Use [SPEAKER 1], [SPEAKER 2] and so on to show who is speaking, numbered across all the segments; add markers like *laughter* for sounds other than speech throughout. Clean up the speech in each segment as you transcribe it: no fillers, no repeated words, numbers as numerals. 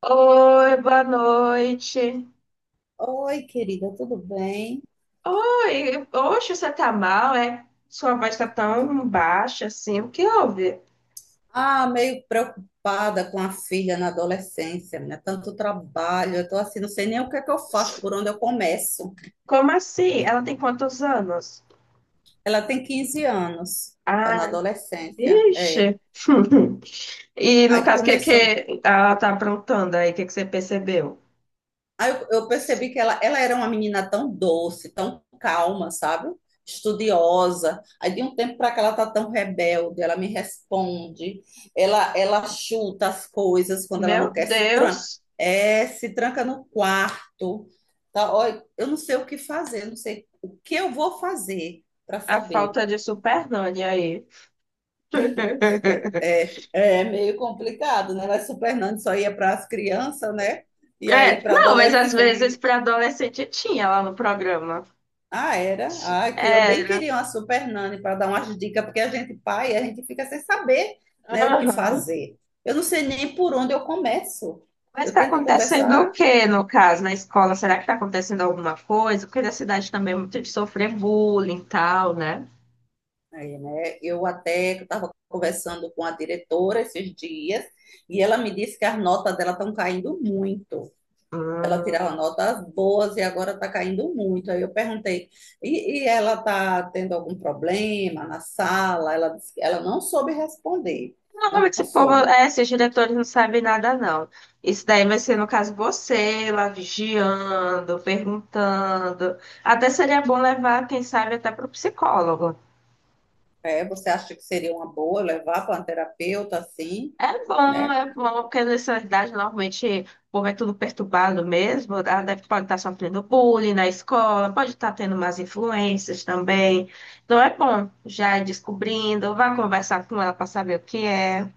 [SPEAKER 1] Oi, boa noite.
[SPEAKER 2] Oi, querida, tudo bem?
[SPEAKER 1] Oi, oxe, você tá mal, é? Sua voz tá tão baixa assim. O que houve?
[SPEAKER 2] Ah, meio preocupada com a filha na adolescência, né? Tanto trabalho, eu tô assim, não sei nem o que é que eu faço, por onde eu começo.
[SPEAKER 1] Como assim? Ela tem quantos anos?
[SPEAKER 2] Ela tem 15 anos, tá na
[SPEAKER 1] Ah,
[SPEAKER 2] adolescência, é.
[SPEAKER 1] vixe. *laughs* E no
[SPEAKER 2] Aí
[SPEAKER 1] caso, o que,
[SPEAKER 2] começou.
[SPEAKER 1] que ela tá aprontando aí? O que que você percebeu?
[SPEAKER 2] Aí eu percebi que ela era uma menina tão doce, tão calma, sabe? Estudiosa. Aí de um tempo para cá ela tá tão rebelde, ela me responde, ela chuta as coisas quando ela não
[SPEAKER 1] Meu
[SPEAKER 2] quer, se tranca,
[SPEAKER 1] Deus,
[SPEAKER 2] é, se tranca no quarto. Tá? Olha, eu não sei o que fazer, eu não sei o que eu vou fazer para
[SPEAKER 1] a
[SPEAKER 2] saber.
[SPEAKER 1] falta de supernanny aí. *laughs*
[SPEAKER 2] É, é meio complicado, né? Mas o Nando só ia para as crianças, né? E aí
[SPEAKER 1] É,
[SPEAKER 2] para
[SPEAKER 1] não, mas às vezes
[SPEAKER 2] adolescente.
[SPEAKER 1] para adolescente tinha lá no programa.
[SPEAKER 2] Ah, era? Ah, que eu bem
[SPEAKER 1] Era.
[SPEAKER 2] queria uma super nani para dar umas dicas, porque a gente, pai, a gente fica sem saber, né, o que
[SPEAKER 1] Aham.
[SPEAKER 2] fazer. Eu não sei nem por onde eu começo.
[SPEAKER 1] Mas
[SPEAKER 2] Eu
[SPEAKER 1] está
[SPEAKER 2] tento
[SPEAKER 1] acontecendo o
[SPEAKER 2] conversar,
[SPEAKER 1] que no caso, na escola? Será que está acontecendo alguma coisa? Porque na cidade também é muito de sofrer bullying e tal, né?
[SPEAKER 2] aí, né? Eu até estava conversando com a diretora esses dias, e ela me disse que as notas dela estão caindo muito. Ela tirava
[SPEAKER 1] Hum.
[SPEAKER 2] notas boas e agora está caindo muito. Aí eu perguntei, e ela está tendo algum problema na sala? Ela disse que ela não soube responder.
[SPEAKER 1] Normalmente esse
[SPEAKER 2] Não
[SPEAKER 1] povo,
[SPEAKER 2] soube.
[SPEAKER 1] é, esses diretores não sabem nada, não. Isso daí vai ser, no caso, você lá vigiando, perguntando. Até seria bom levar, quem sabe, até para o psicólogo.
[SPEAKER 2] É, você acha que seria uma boa levar para um terapeuta assim, né?
[SPEAKER 1] É bom, porque nessa idade normalmente o povo é tudo perturbado mesmo. Ela deve- pode estar sofrendo bullying na escola, pode estar tendo umas influências também. Então é bom já ir descobrindo, vá conversar com ela para saber o que é.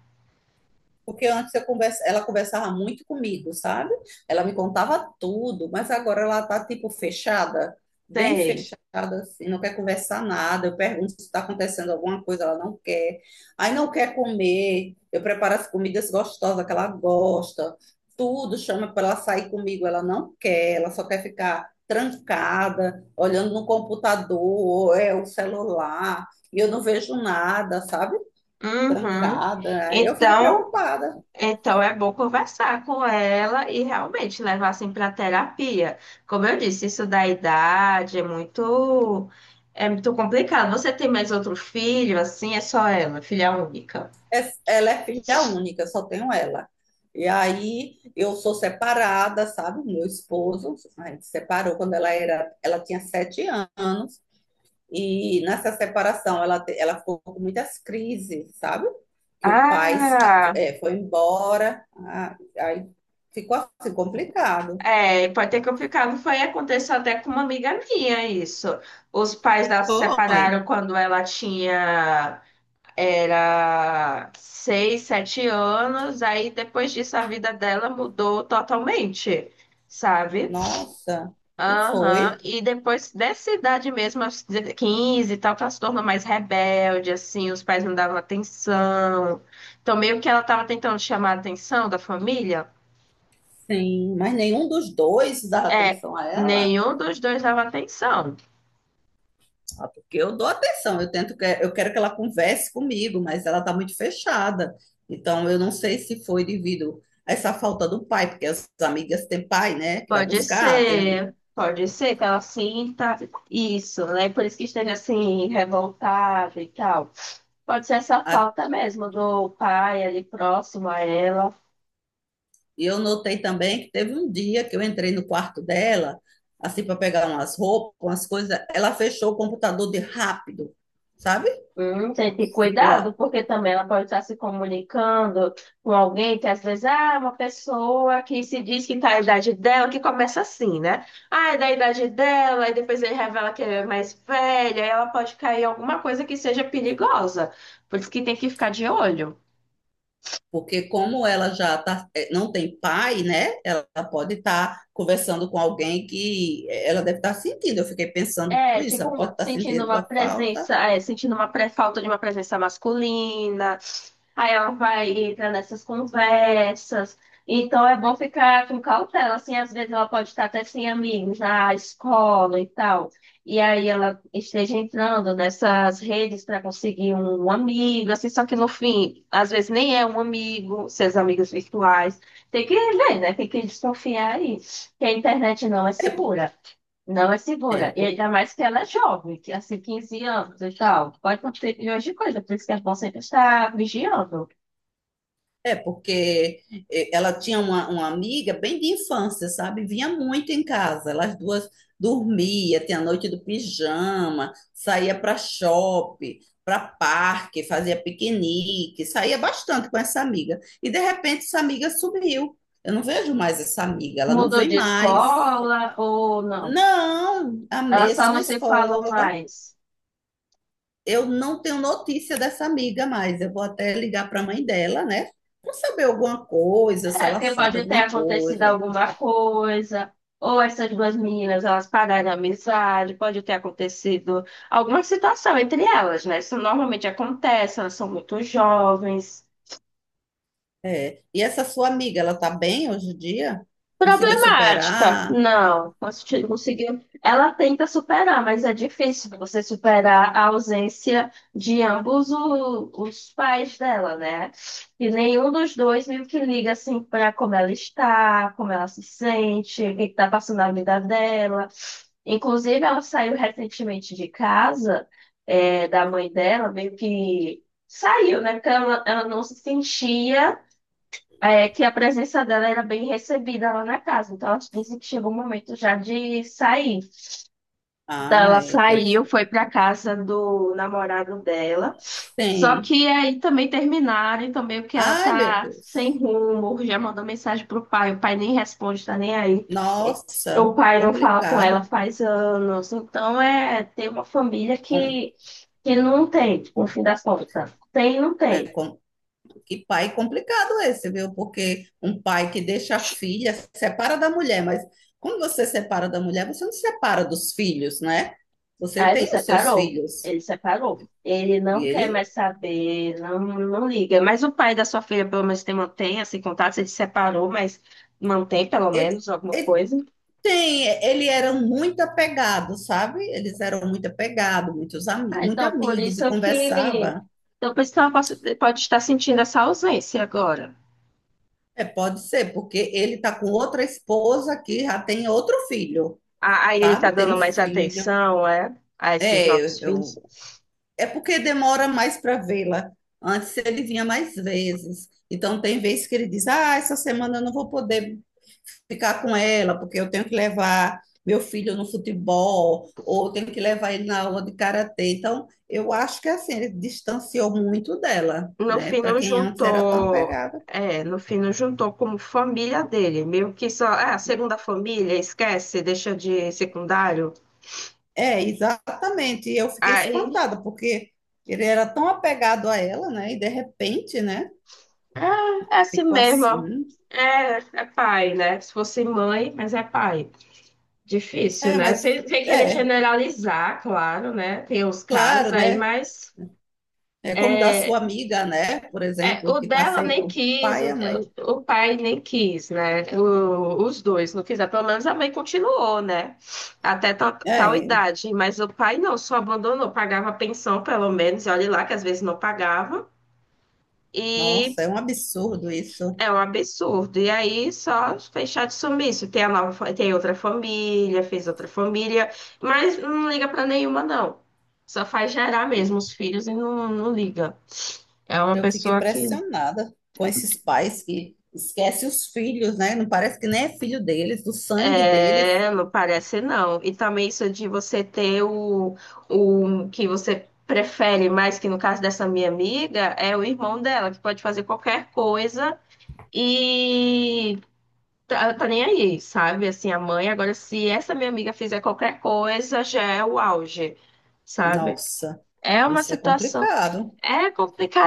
[SPEAKER 2] Porque antes eu conversa, ela conversava muito comigo, sabe? Ela me contava tudo, mas agora ela tá tipo fechada, bem
[SPEAKER 1] Sei.
[SPEAKER 2] fechada, assim, não quer conversar nada. Eu pergunto se está acontecendo alguma coisa, ela não quer. Aí não quer comer. Eu preparo as comidas gostosas que ela gosta. Tudo chama para ela sair comigo, ela não quer, ela só quer ficar trancada, olhando no computador, ou é o celular, e eu não vejo nada, sabe?
[SPEAKER 1] Uhum.
[SPEAKER 2] Trancada. Eu fico
[SPEAKER 1] Então,
[SPEAKER 2] preocupada.
[SPEAKER 1] então é bom conversar com ela e realmente levar assim para terapia. Como eu disse, isso da idade é muito complicado. Você tem mais outro filho assim? É só ela, filha única.
[SPEAKER 2] Ela é filha única, só tenho ela. E aí eu sou separada, sabe? Meu esposo, a gente separou quando ela era, ela tinha 7 anos, e nessa separação ela ficou com muitas crises, sabe? Que o pai ah,
[SPEAKER 1] Ah,
[SPEAKER 2] é, foi embora, ah, aí ficou assim complicado.
[SPEAKER 1] é, pode ter complicado. Foi, aconteceu até com uma amiga minha isso. Os pais dela se
[SPEAKER 2] Foi.
[SPEAKER 1] separaram quando ela tinha era seis, sete anos, aí depois disso a vida dela mudou totalmente, sabe?
[SPEAKER 2] Nossa, e
[SPEAKER 1] Aham,
[SPEAKER 2] foi?
[SPEAKER 1] e depois dessa idade mesmo, aos 15 e tal, que ela se tornou mais rebelde, assim, os pais não davam atenção. Então, meio que ela tava tentando chamar a atenção da família.
[SPEAKER 2] Sim, mas nenhum dos dois dava
[SPEAKER 1] É,
[SPEAKER 2] atenção a ela.
[SPEAKER 1] nenhum dos dois dava atenção.
[SPEAKER 2] Ah, porque eu dou atenção, eu tento que eu quero que ela converse comigo, mas ela está muito fechada. Então eu não sei se foi devido a essa falta do pai, porque as amigas têm pai, né, que vai buscar.
[SPEAKER 1] Pode ser que ela sinta isso, né? Por isso que esteja assim, revoltada e tal. Pode ser essa
[SPEAKER 2] A-
[SPEAKER 1] falta mesmo do pai ali próximo a ela.
[SPEAKER 2] E eu notei também que teve um dia que eu entrei no quarto dela, assim para pegar umas roupas, umas coisas, ela fechou o computador de rápido, sabe?
[SPEAKER 1] Tem que ter cuidado,
[SPEAKER 2] Ficou.
[SPEAKER 1] porque também ela pode estar se comunicando com alguém que às vezes ah, é uma pessoa que se diz que está na idade dela, que começa assim, né? Ah, é da idade dela, e depois ele revela que é mais velha, aí ela pode cair em alguma coisa que seja perigosa. Por isso que tem que ficar de olho.
[SPEAKER 2] Porque como ela já tá, não tem pai, né? Ela pode estar conversando com alguém que ela deve estar sentindo. Eu fiquei pensando
[SPEAKER 1] É,
[SPEAKER 2] isso, ela pode
[SPEAKER 1] tipo,
[SPEAKER 2] estar
[SPEAKER 1] sentindo
[SPEAKER 2] sentindo
[SPEAKER 1] uma
[SPEAKER 2] a falta.
[SPEAKER 1] presença, é, sentindo uma pré- falta de uma presença masculina, aí ela vai entrar nessas conversas. Então é bom ficar com cautela, assim, às vezes ela pode estar até sem amigos na escola e tal. E aí ela esteja entrando nessas redes para conseguir um amigo, assim, só que no fim, às vezes nem é um amigo, seus amigos virtuais. Tem que ver, né? Tem que desconfiar aí. Que a internet não é
[SPEAKER 2] É,
[SPEAKER 1] segura. Não é segura.
[SPEAKER 2] é,
[SPEAKER 1] E ainda mais que ela é jovem, que é assim, 15 anos e tal. Pode acontecer milhões de coisas, por isso que é bom sempre estar vigiando.
[SPEAKER 2] é, porque ela tinha uma amiga bem de infância, sabe? Vinha muito em casa. Elas duas dormia, tinha a noite do pijama, saía para shopping, para parque, fazia piquenique, saía bastante com essa amiga. E de repente essa amiga sumiu. Eu não vejo mais essa amiga, ela não
[SPEAKER 1] Mudou
[SPEAKER 2] vem
[SPEAKER 1] de
[SPEAKER 2] mais.
[SPEAKER 1] escola ou não?
[SPEAKER 2] Não, a
[SPEAKER 1] Ela só não
[SPEAKER 2] mesma
[SPEAKER 1] se falou
[SPEAKER 2] escola,
[SPEAKER 1] mais.
[SPEAKER 2] eu não tenho notícia dessa amiga mais. Eu vou até ligar para a mãe dela, né? Para saber alguma coisa, se
[SPEAKER 1] É,
[SPEAKER 2] ela
[SPEAKER 1] porque
[SPEAKER 2] sabe
[SPEAKER 1] pode ter
[SPEAKER 2] alguma
[SPEAKER 1] acontecido
[SPEAKER 2] coisa.
[SPEAKER 1] alguma coisa, ou essas duas meninas, elas pararam a amizade, pode ter acontecido alguma situação entre elas, né? Isso normalmente acontece, elas são muito jovens.
[SPEAKER 2] É. E essa sua amiga, ela tá bem hoje em dia? Conseguiu
[SPEAKER 1] Problemática.
[SPEAKER 2] superar?
[SPEAKER 1] Não, consti- conseguiu. Ela tenta superar, mas é difícil você superar a ausência de ambos o- os pais dela, né? E nenhum dos dois meio que liga assim para como ela está, como ela se sente, o que está passando na vida dela. Inclusive, ela saiu recentemente de casa, é, da mãe dela, meio que saiu, né? Porque ela não se sentia. É que a presença dela era bem recebida lá na casa. Então, elas dizem que chegou o momento já de sair. Então, ela
[SPEAKER 2] Ai,
[SPEAKER 1] saiu,
[SPEAKER 2] deixa-
[SPEAKER 1] foi para casa do namorado dela. Só
[SPEAKER 2] sim.
[SPEAKER 1] que aí também terminaram, então meio que ela
[SPEAKER 2] Ai, meu
[SPEAKER 1] tá sem
[SPEAKER 2] Deus.
[SPEAKER 1] rumo, já mandou mensagem pro pai, o pai nem responde, tá nem aí. O
[SPEAKER 2] Nossa,
[SPEAKER 1] pai não fala com ela
[SPEAKER 2] complicado.
[SPEAKER 1] faz anos. Então, é, tem uma família
[SPEAKER 2] Com,
[SPEAKER 1] que não tem, no
[SPEAKER 2] com,
[SPEAKER 1] fim das contas. Tem e não
[SPEAKER 2] é.
[SPEAKER 1] tem.
[SPEAKER 2] Que pai complicado esse, viu? Porque um pai que deixa a filha, separa da mulher, mas quando você separa da mulher, você não separa dos filhos, né? Você
[SPEAKER 1] Ah, ele
[SPEAKER 2] tem os seus
[SPEAKER 1] separou.
[SPEAKER 2] filhos.
[SPEAKER 1] Ele separou. Ele
[SPEAKER 2] E
[SPEAKER 1] não
[SPEAKER 2] ele,
[SPEAKER 1] quer mais saber, não, não liga. Mas o pai da sua filha, pelo menos, tem, mantém esse contato. Ele se separou, mas mantém, pelo
[SPEAKER 2] ele,
[SPEAKER 1] menos, alguma
[SPEAKER 2] ele
[SPEAKER 1] coisa.
[SPEAKER 2] tem, ele era muito apegado, sabe? Eles eram muito apegados,
[SPEAKER 1] Ah,
[SPEAKER 2] muito
[SPEAKER 1] então, por
[SPEAKER 2] amigos e
[SPEAKER 1] isso que.
[SPEAKER 2] conversava.
[SPEAKER 1] Então, por isso que ela possa- pode estar sentindo essa ausência agora.
[SPEAKER 2] É, pode ser, porque ele tá com outra esposa que já tem outro filho,
[SPEAKER 1] Ah, aí ele está
[SPEAKER 2] sabe? Tem
[SPEAKER 1] dando
[SPEAKER 2] um
[SPEAKER 1] mais
[SPEAKER 2] filho.
[SPEAKER 1] atenção, é, a esses
[SPEAKER 2] É,
[SPEAKER 1] novos filhos.
[SPEAKER 2] eu, É porque demora mais para vê-la. Antes ele vinha mais vezes. Então, tem vezes que ele diz: Ah, essa semana eu não vou poder ficar com ela, porque eu tenho que levar meu filho no futebol, ou eu tenho que levar ele na aula de karatê. Então, eu acho que assim, ele distanciou muito dela,
[SPEAKER 1] No
[SPEAKER 2] né?
[SPEAKER 1] fim,
[SPEAKER 2] Para
[SPEAKER 1] não
[SPEAKER 2] quem antes era tão
[SPEAKER 1] juntou.
[SPEAKER 2] apegada.
[SPEAKER 1] É, no fim, não juntou como família dele. Meio que só. É, a segunda família, esquece, deixa de secundário.
[SPEAKER 2] É, exatamente. E eu fiquei
[SPEAKER 1] Aí,
[SPEAKER 2] espantada, porque ele era tão apegado a ela, né? E de repente, né?
[SPEAKER 1] é, é assim
[SPEAKER 2] Ficou
[SPEAKER 1] mesmo. Ó.
[SPEAKER 2] assim.
[SPEAKER 1] É, é pai, né? Se fosse mãe, mas é pai. Difícil,
[SPEAKER 2] É,
[SPEAKER 1] né?
[SPEAKER 2] mas
[SPEAKER 1] Sem, sem querer
[SPEAKER 2] é,
[SPEAKER 1] generalizar, claro, né? Tem os casos
[SPEAKER 2] claro,
[SPEAKER 1] aí,
[SPEAKER 2] né?
[SPEAKER 1] mas
[SPEAKER 2] É como da sua amiga, né? Por
[SPEAKER 1] é,
[SPEAKER 2] exemplo,
[SPEAKER 1] o
[SPEAKER 2] que está
[SPEAKER 1] dela
[SPEAKER 2] sem
[SPEAKER 1] nem
[SPEAKER 2] o
[SPEAKER 1] quis,
[SPEAKER 2] pai e a mãe.
[SPEAKER 1] o pai nem quis, né? O- os dois não quiseram. Pelo menos a mãe continuou, né? Até tal, tal
[SPEAKER 2] É,
[SPEAKER 1] idade. Mas o pai não, só abandonou, pagava pensão, pelo menos, e olha lá que às vezes não pagava. E
[SPEAKER 2] nossa, é um absurdo isso.
[SPEAKER 1] é um absurdo. E aí só fechar de sumiço. Tem a nova, fa- tem outra família, fez outra família, mas não liga pra nenhuma, não. Só faz gerar mesmo os filhos e não, não liga. É uma
[SPEAKER 2] Eu fico
[SPEAKER 1] pessoa que
[SPEAKER 2] impressionada com esses pais que esquecem os filhos, né? Não parece que nem é filho deles, do sangue deles.
[SPEAKER 1] é, não parece não. E também isso de você ter o que você prefere mais, que no caso dessa minha amiga, é o irmão dela, que pode fazer qualquer coisa. E tá, tá nem aí, sabe? Assim, a mãe, agora se essa minha amiga fizer qualquer coisa, já é o auge, sabe?
[SPEAKER 2] Nossa,
[SPEAKER 1] É uma
[SPEAKER 2] isso é
[SPEAKER 1] situação,
[SPEAKER 2] complicado.
[SPEAKER 1] é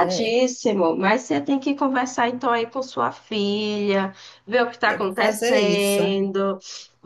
[SPEAKER 2] É,
[SPEAKER 1] mas você tem que conversar então aí com sua filha, ver o que está
[SPEAKER 2] eu vou fazer isso.
[SPEAKER 1] acontecendo,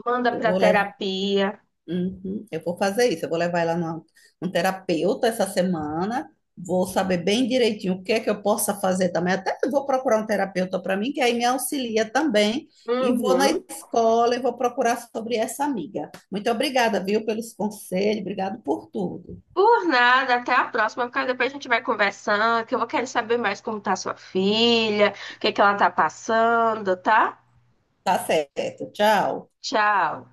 [SPEAKER 1] manda
[SPEAKER 2] Eu
[SPEAKER 1] para
[SPEAKER 2] vou levar
[SPEAKER 1] terapia.
[SPEAKER 2] Uhum. Eu vou fazer isso. Eu vou levar ela num terapeuta essa semana. Vou saber bem direitinho o que é que eu possa fazer também. Até eu vou procurar um terapeuta para mim, que aí me auxilia também. E vou na
[SPEAKER 1] Uhum.
[SPEAKER 2] escola e vou procurar sobre essa amiga. Muito obrigada, viu, pelos conselhos. Obrigado por tudo.
[SPEAKER 1] Por nada, até a próxima, porque depois a gente vai conversando, que eu vou querer saber mais como tá sua filha, o que que ela tá passando, tá?
[SPEAKER 2] Tá certo. Tchau.
[SPEAKER 1] Tchau.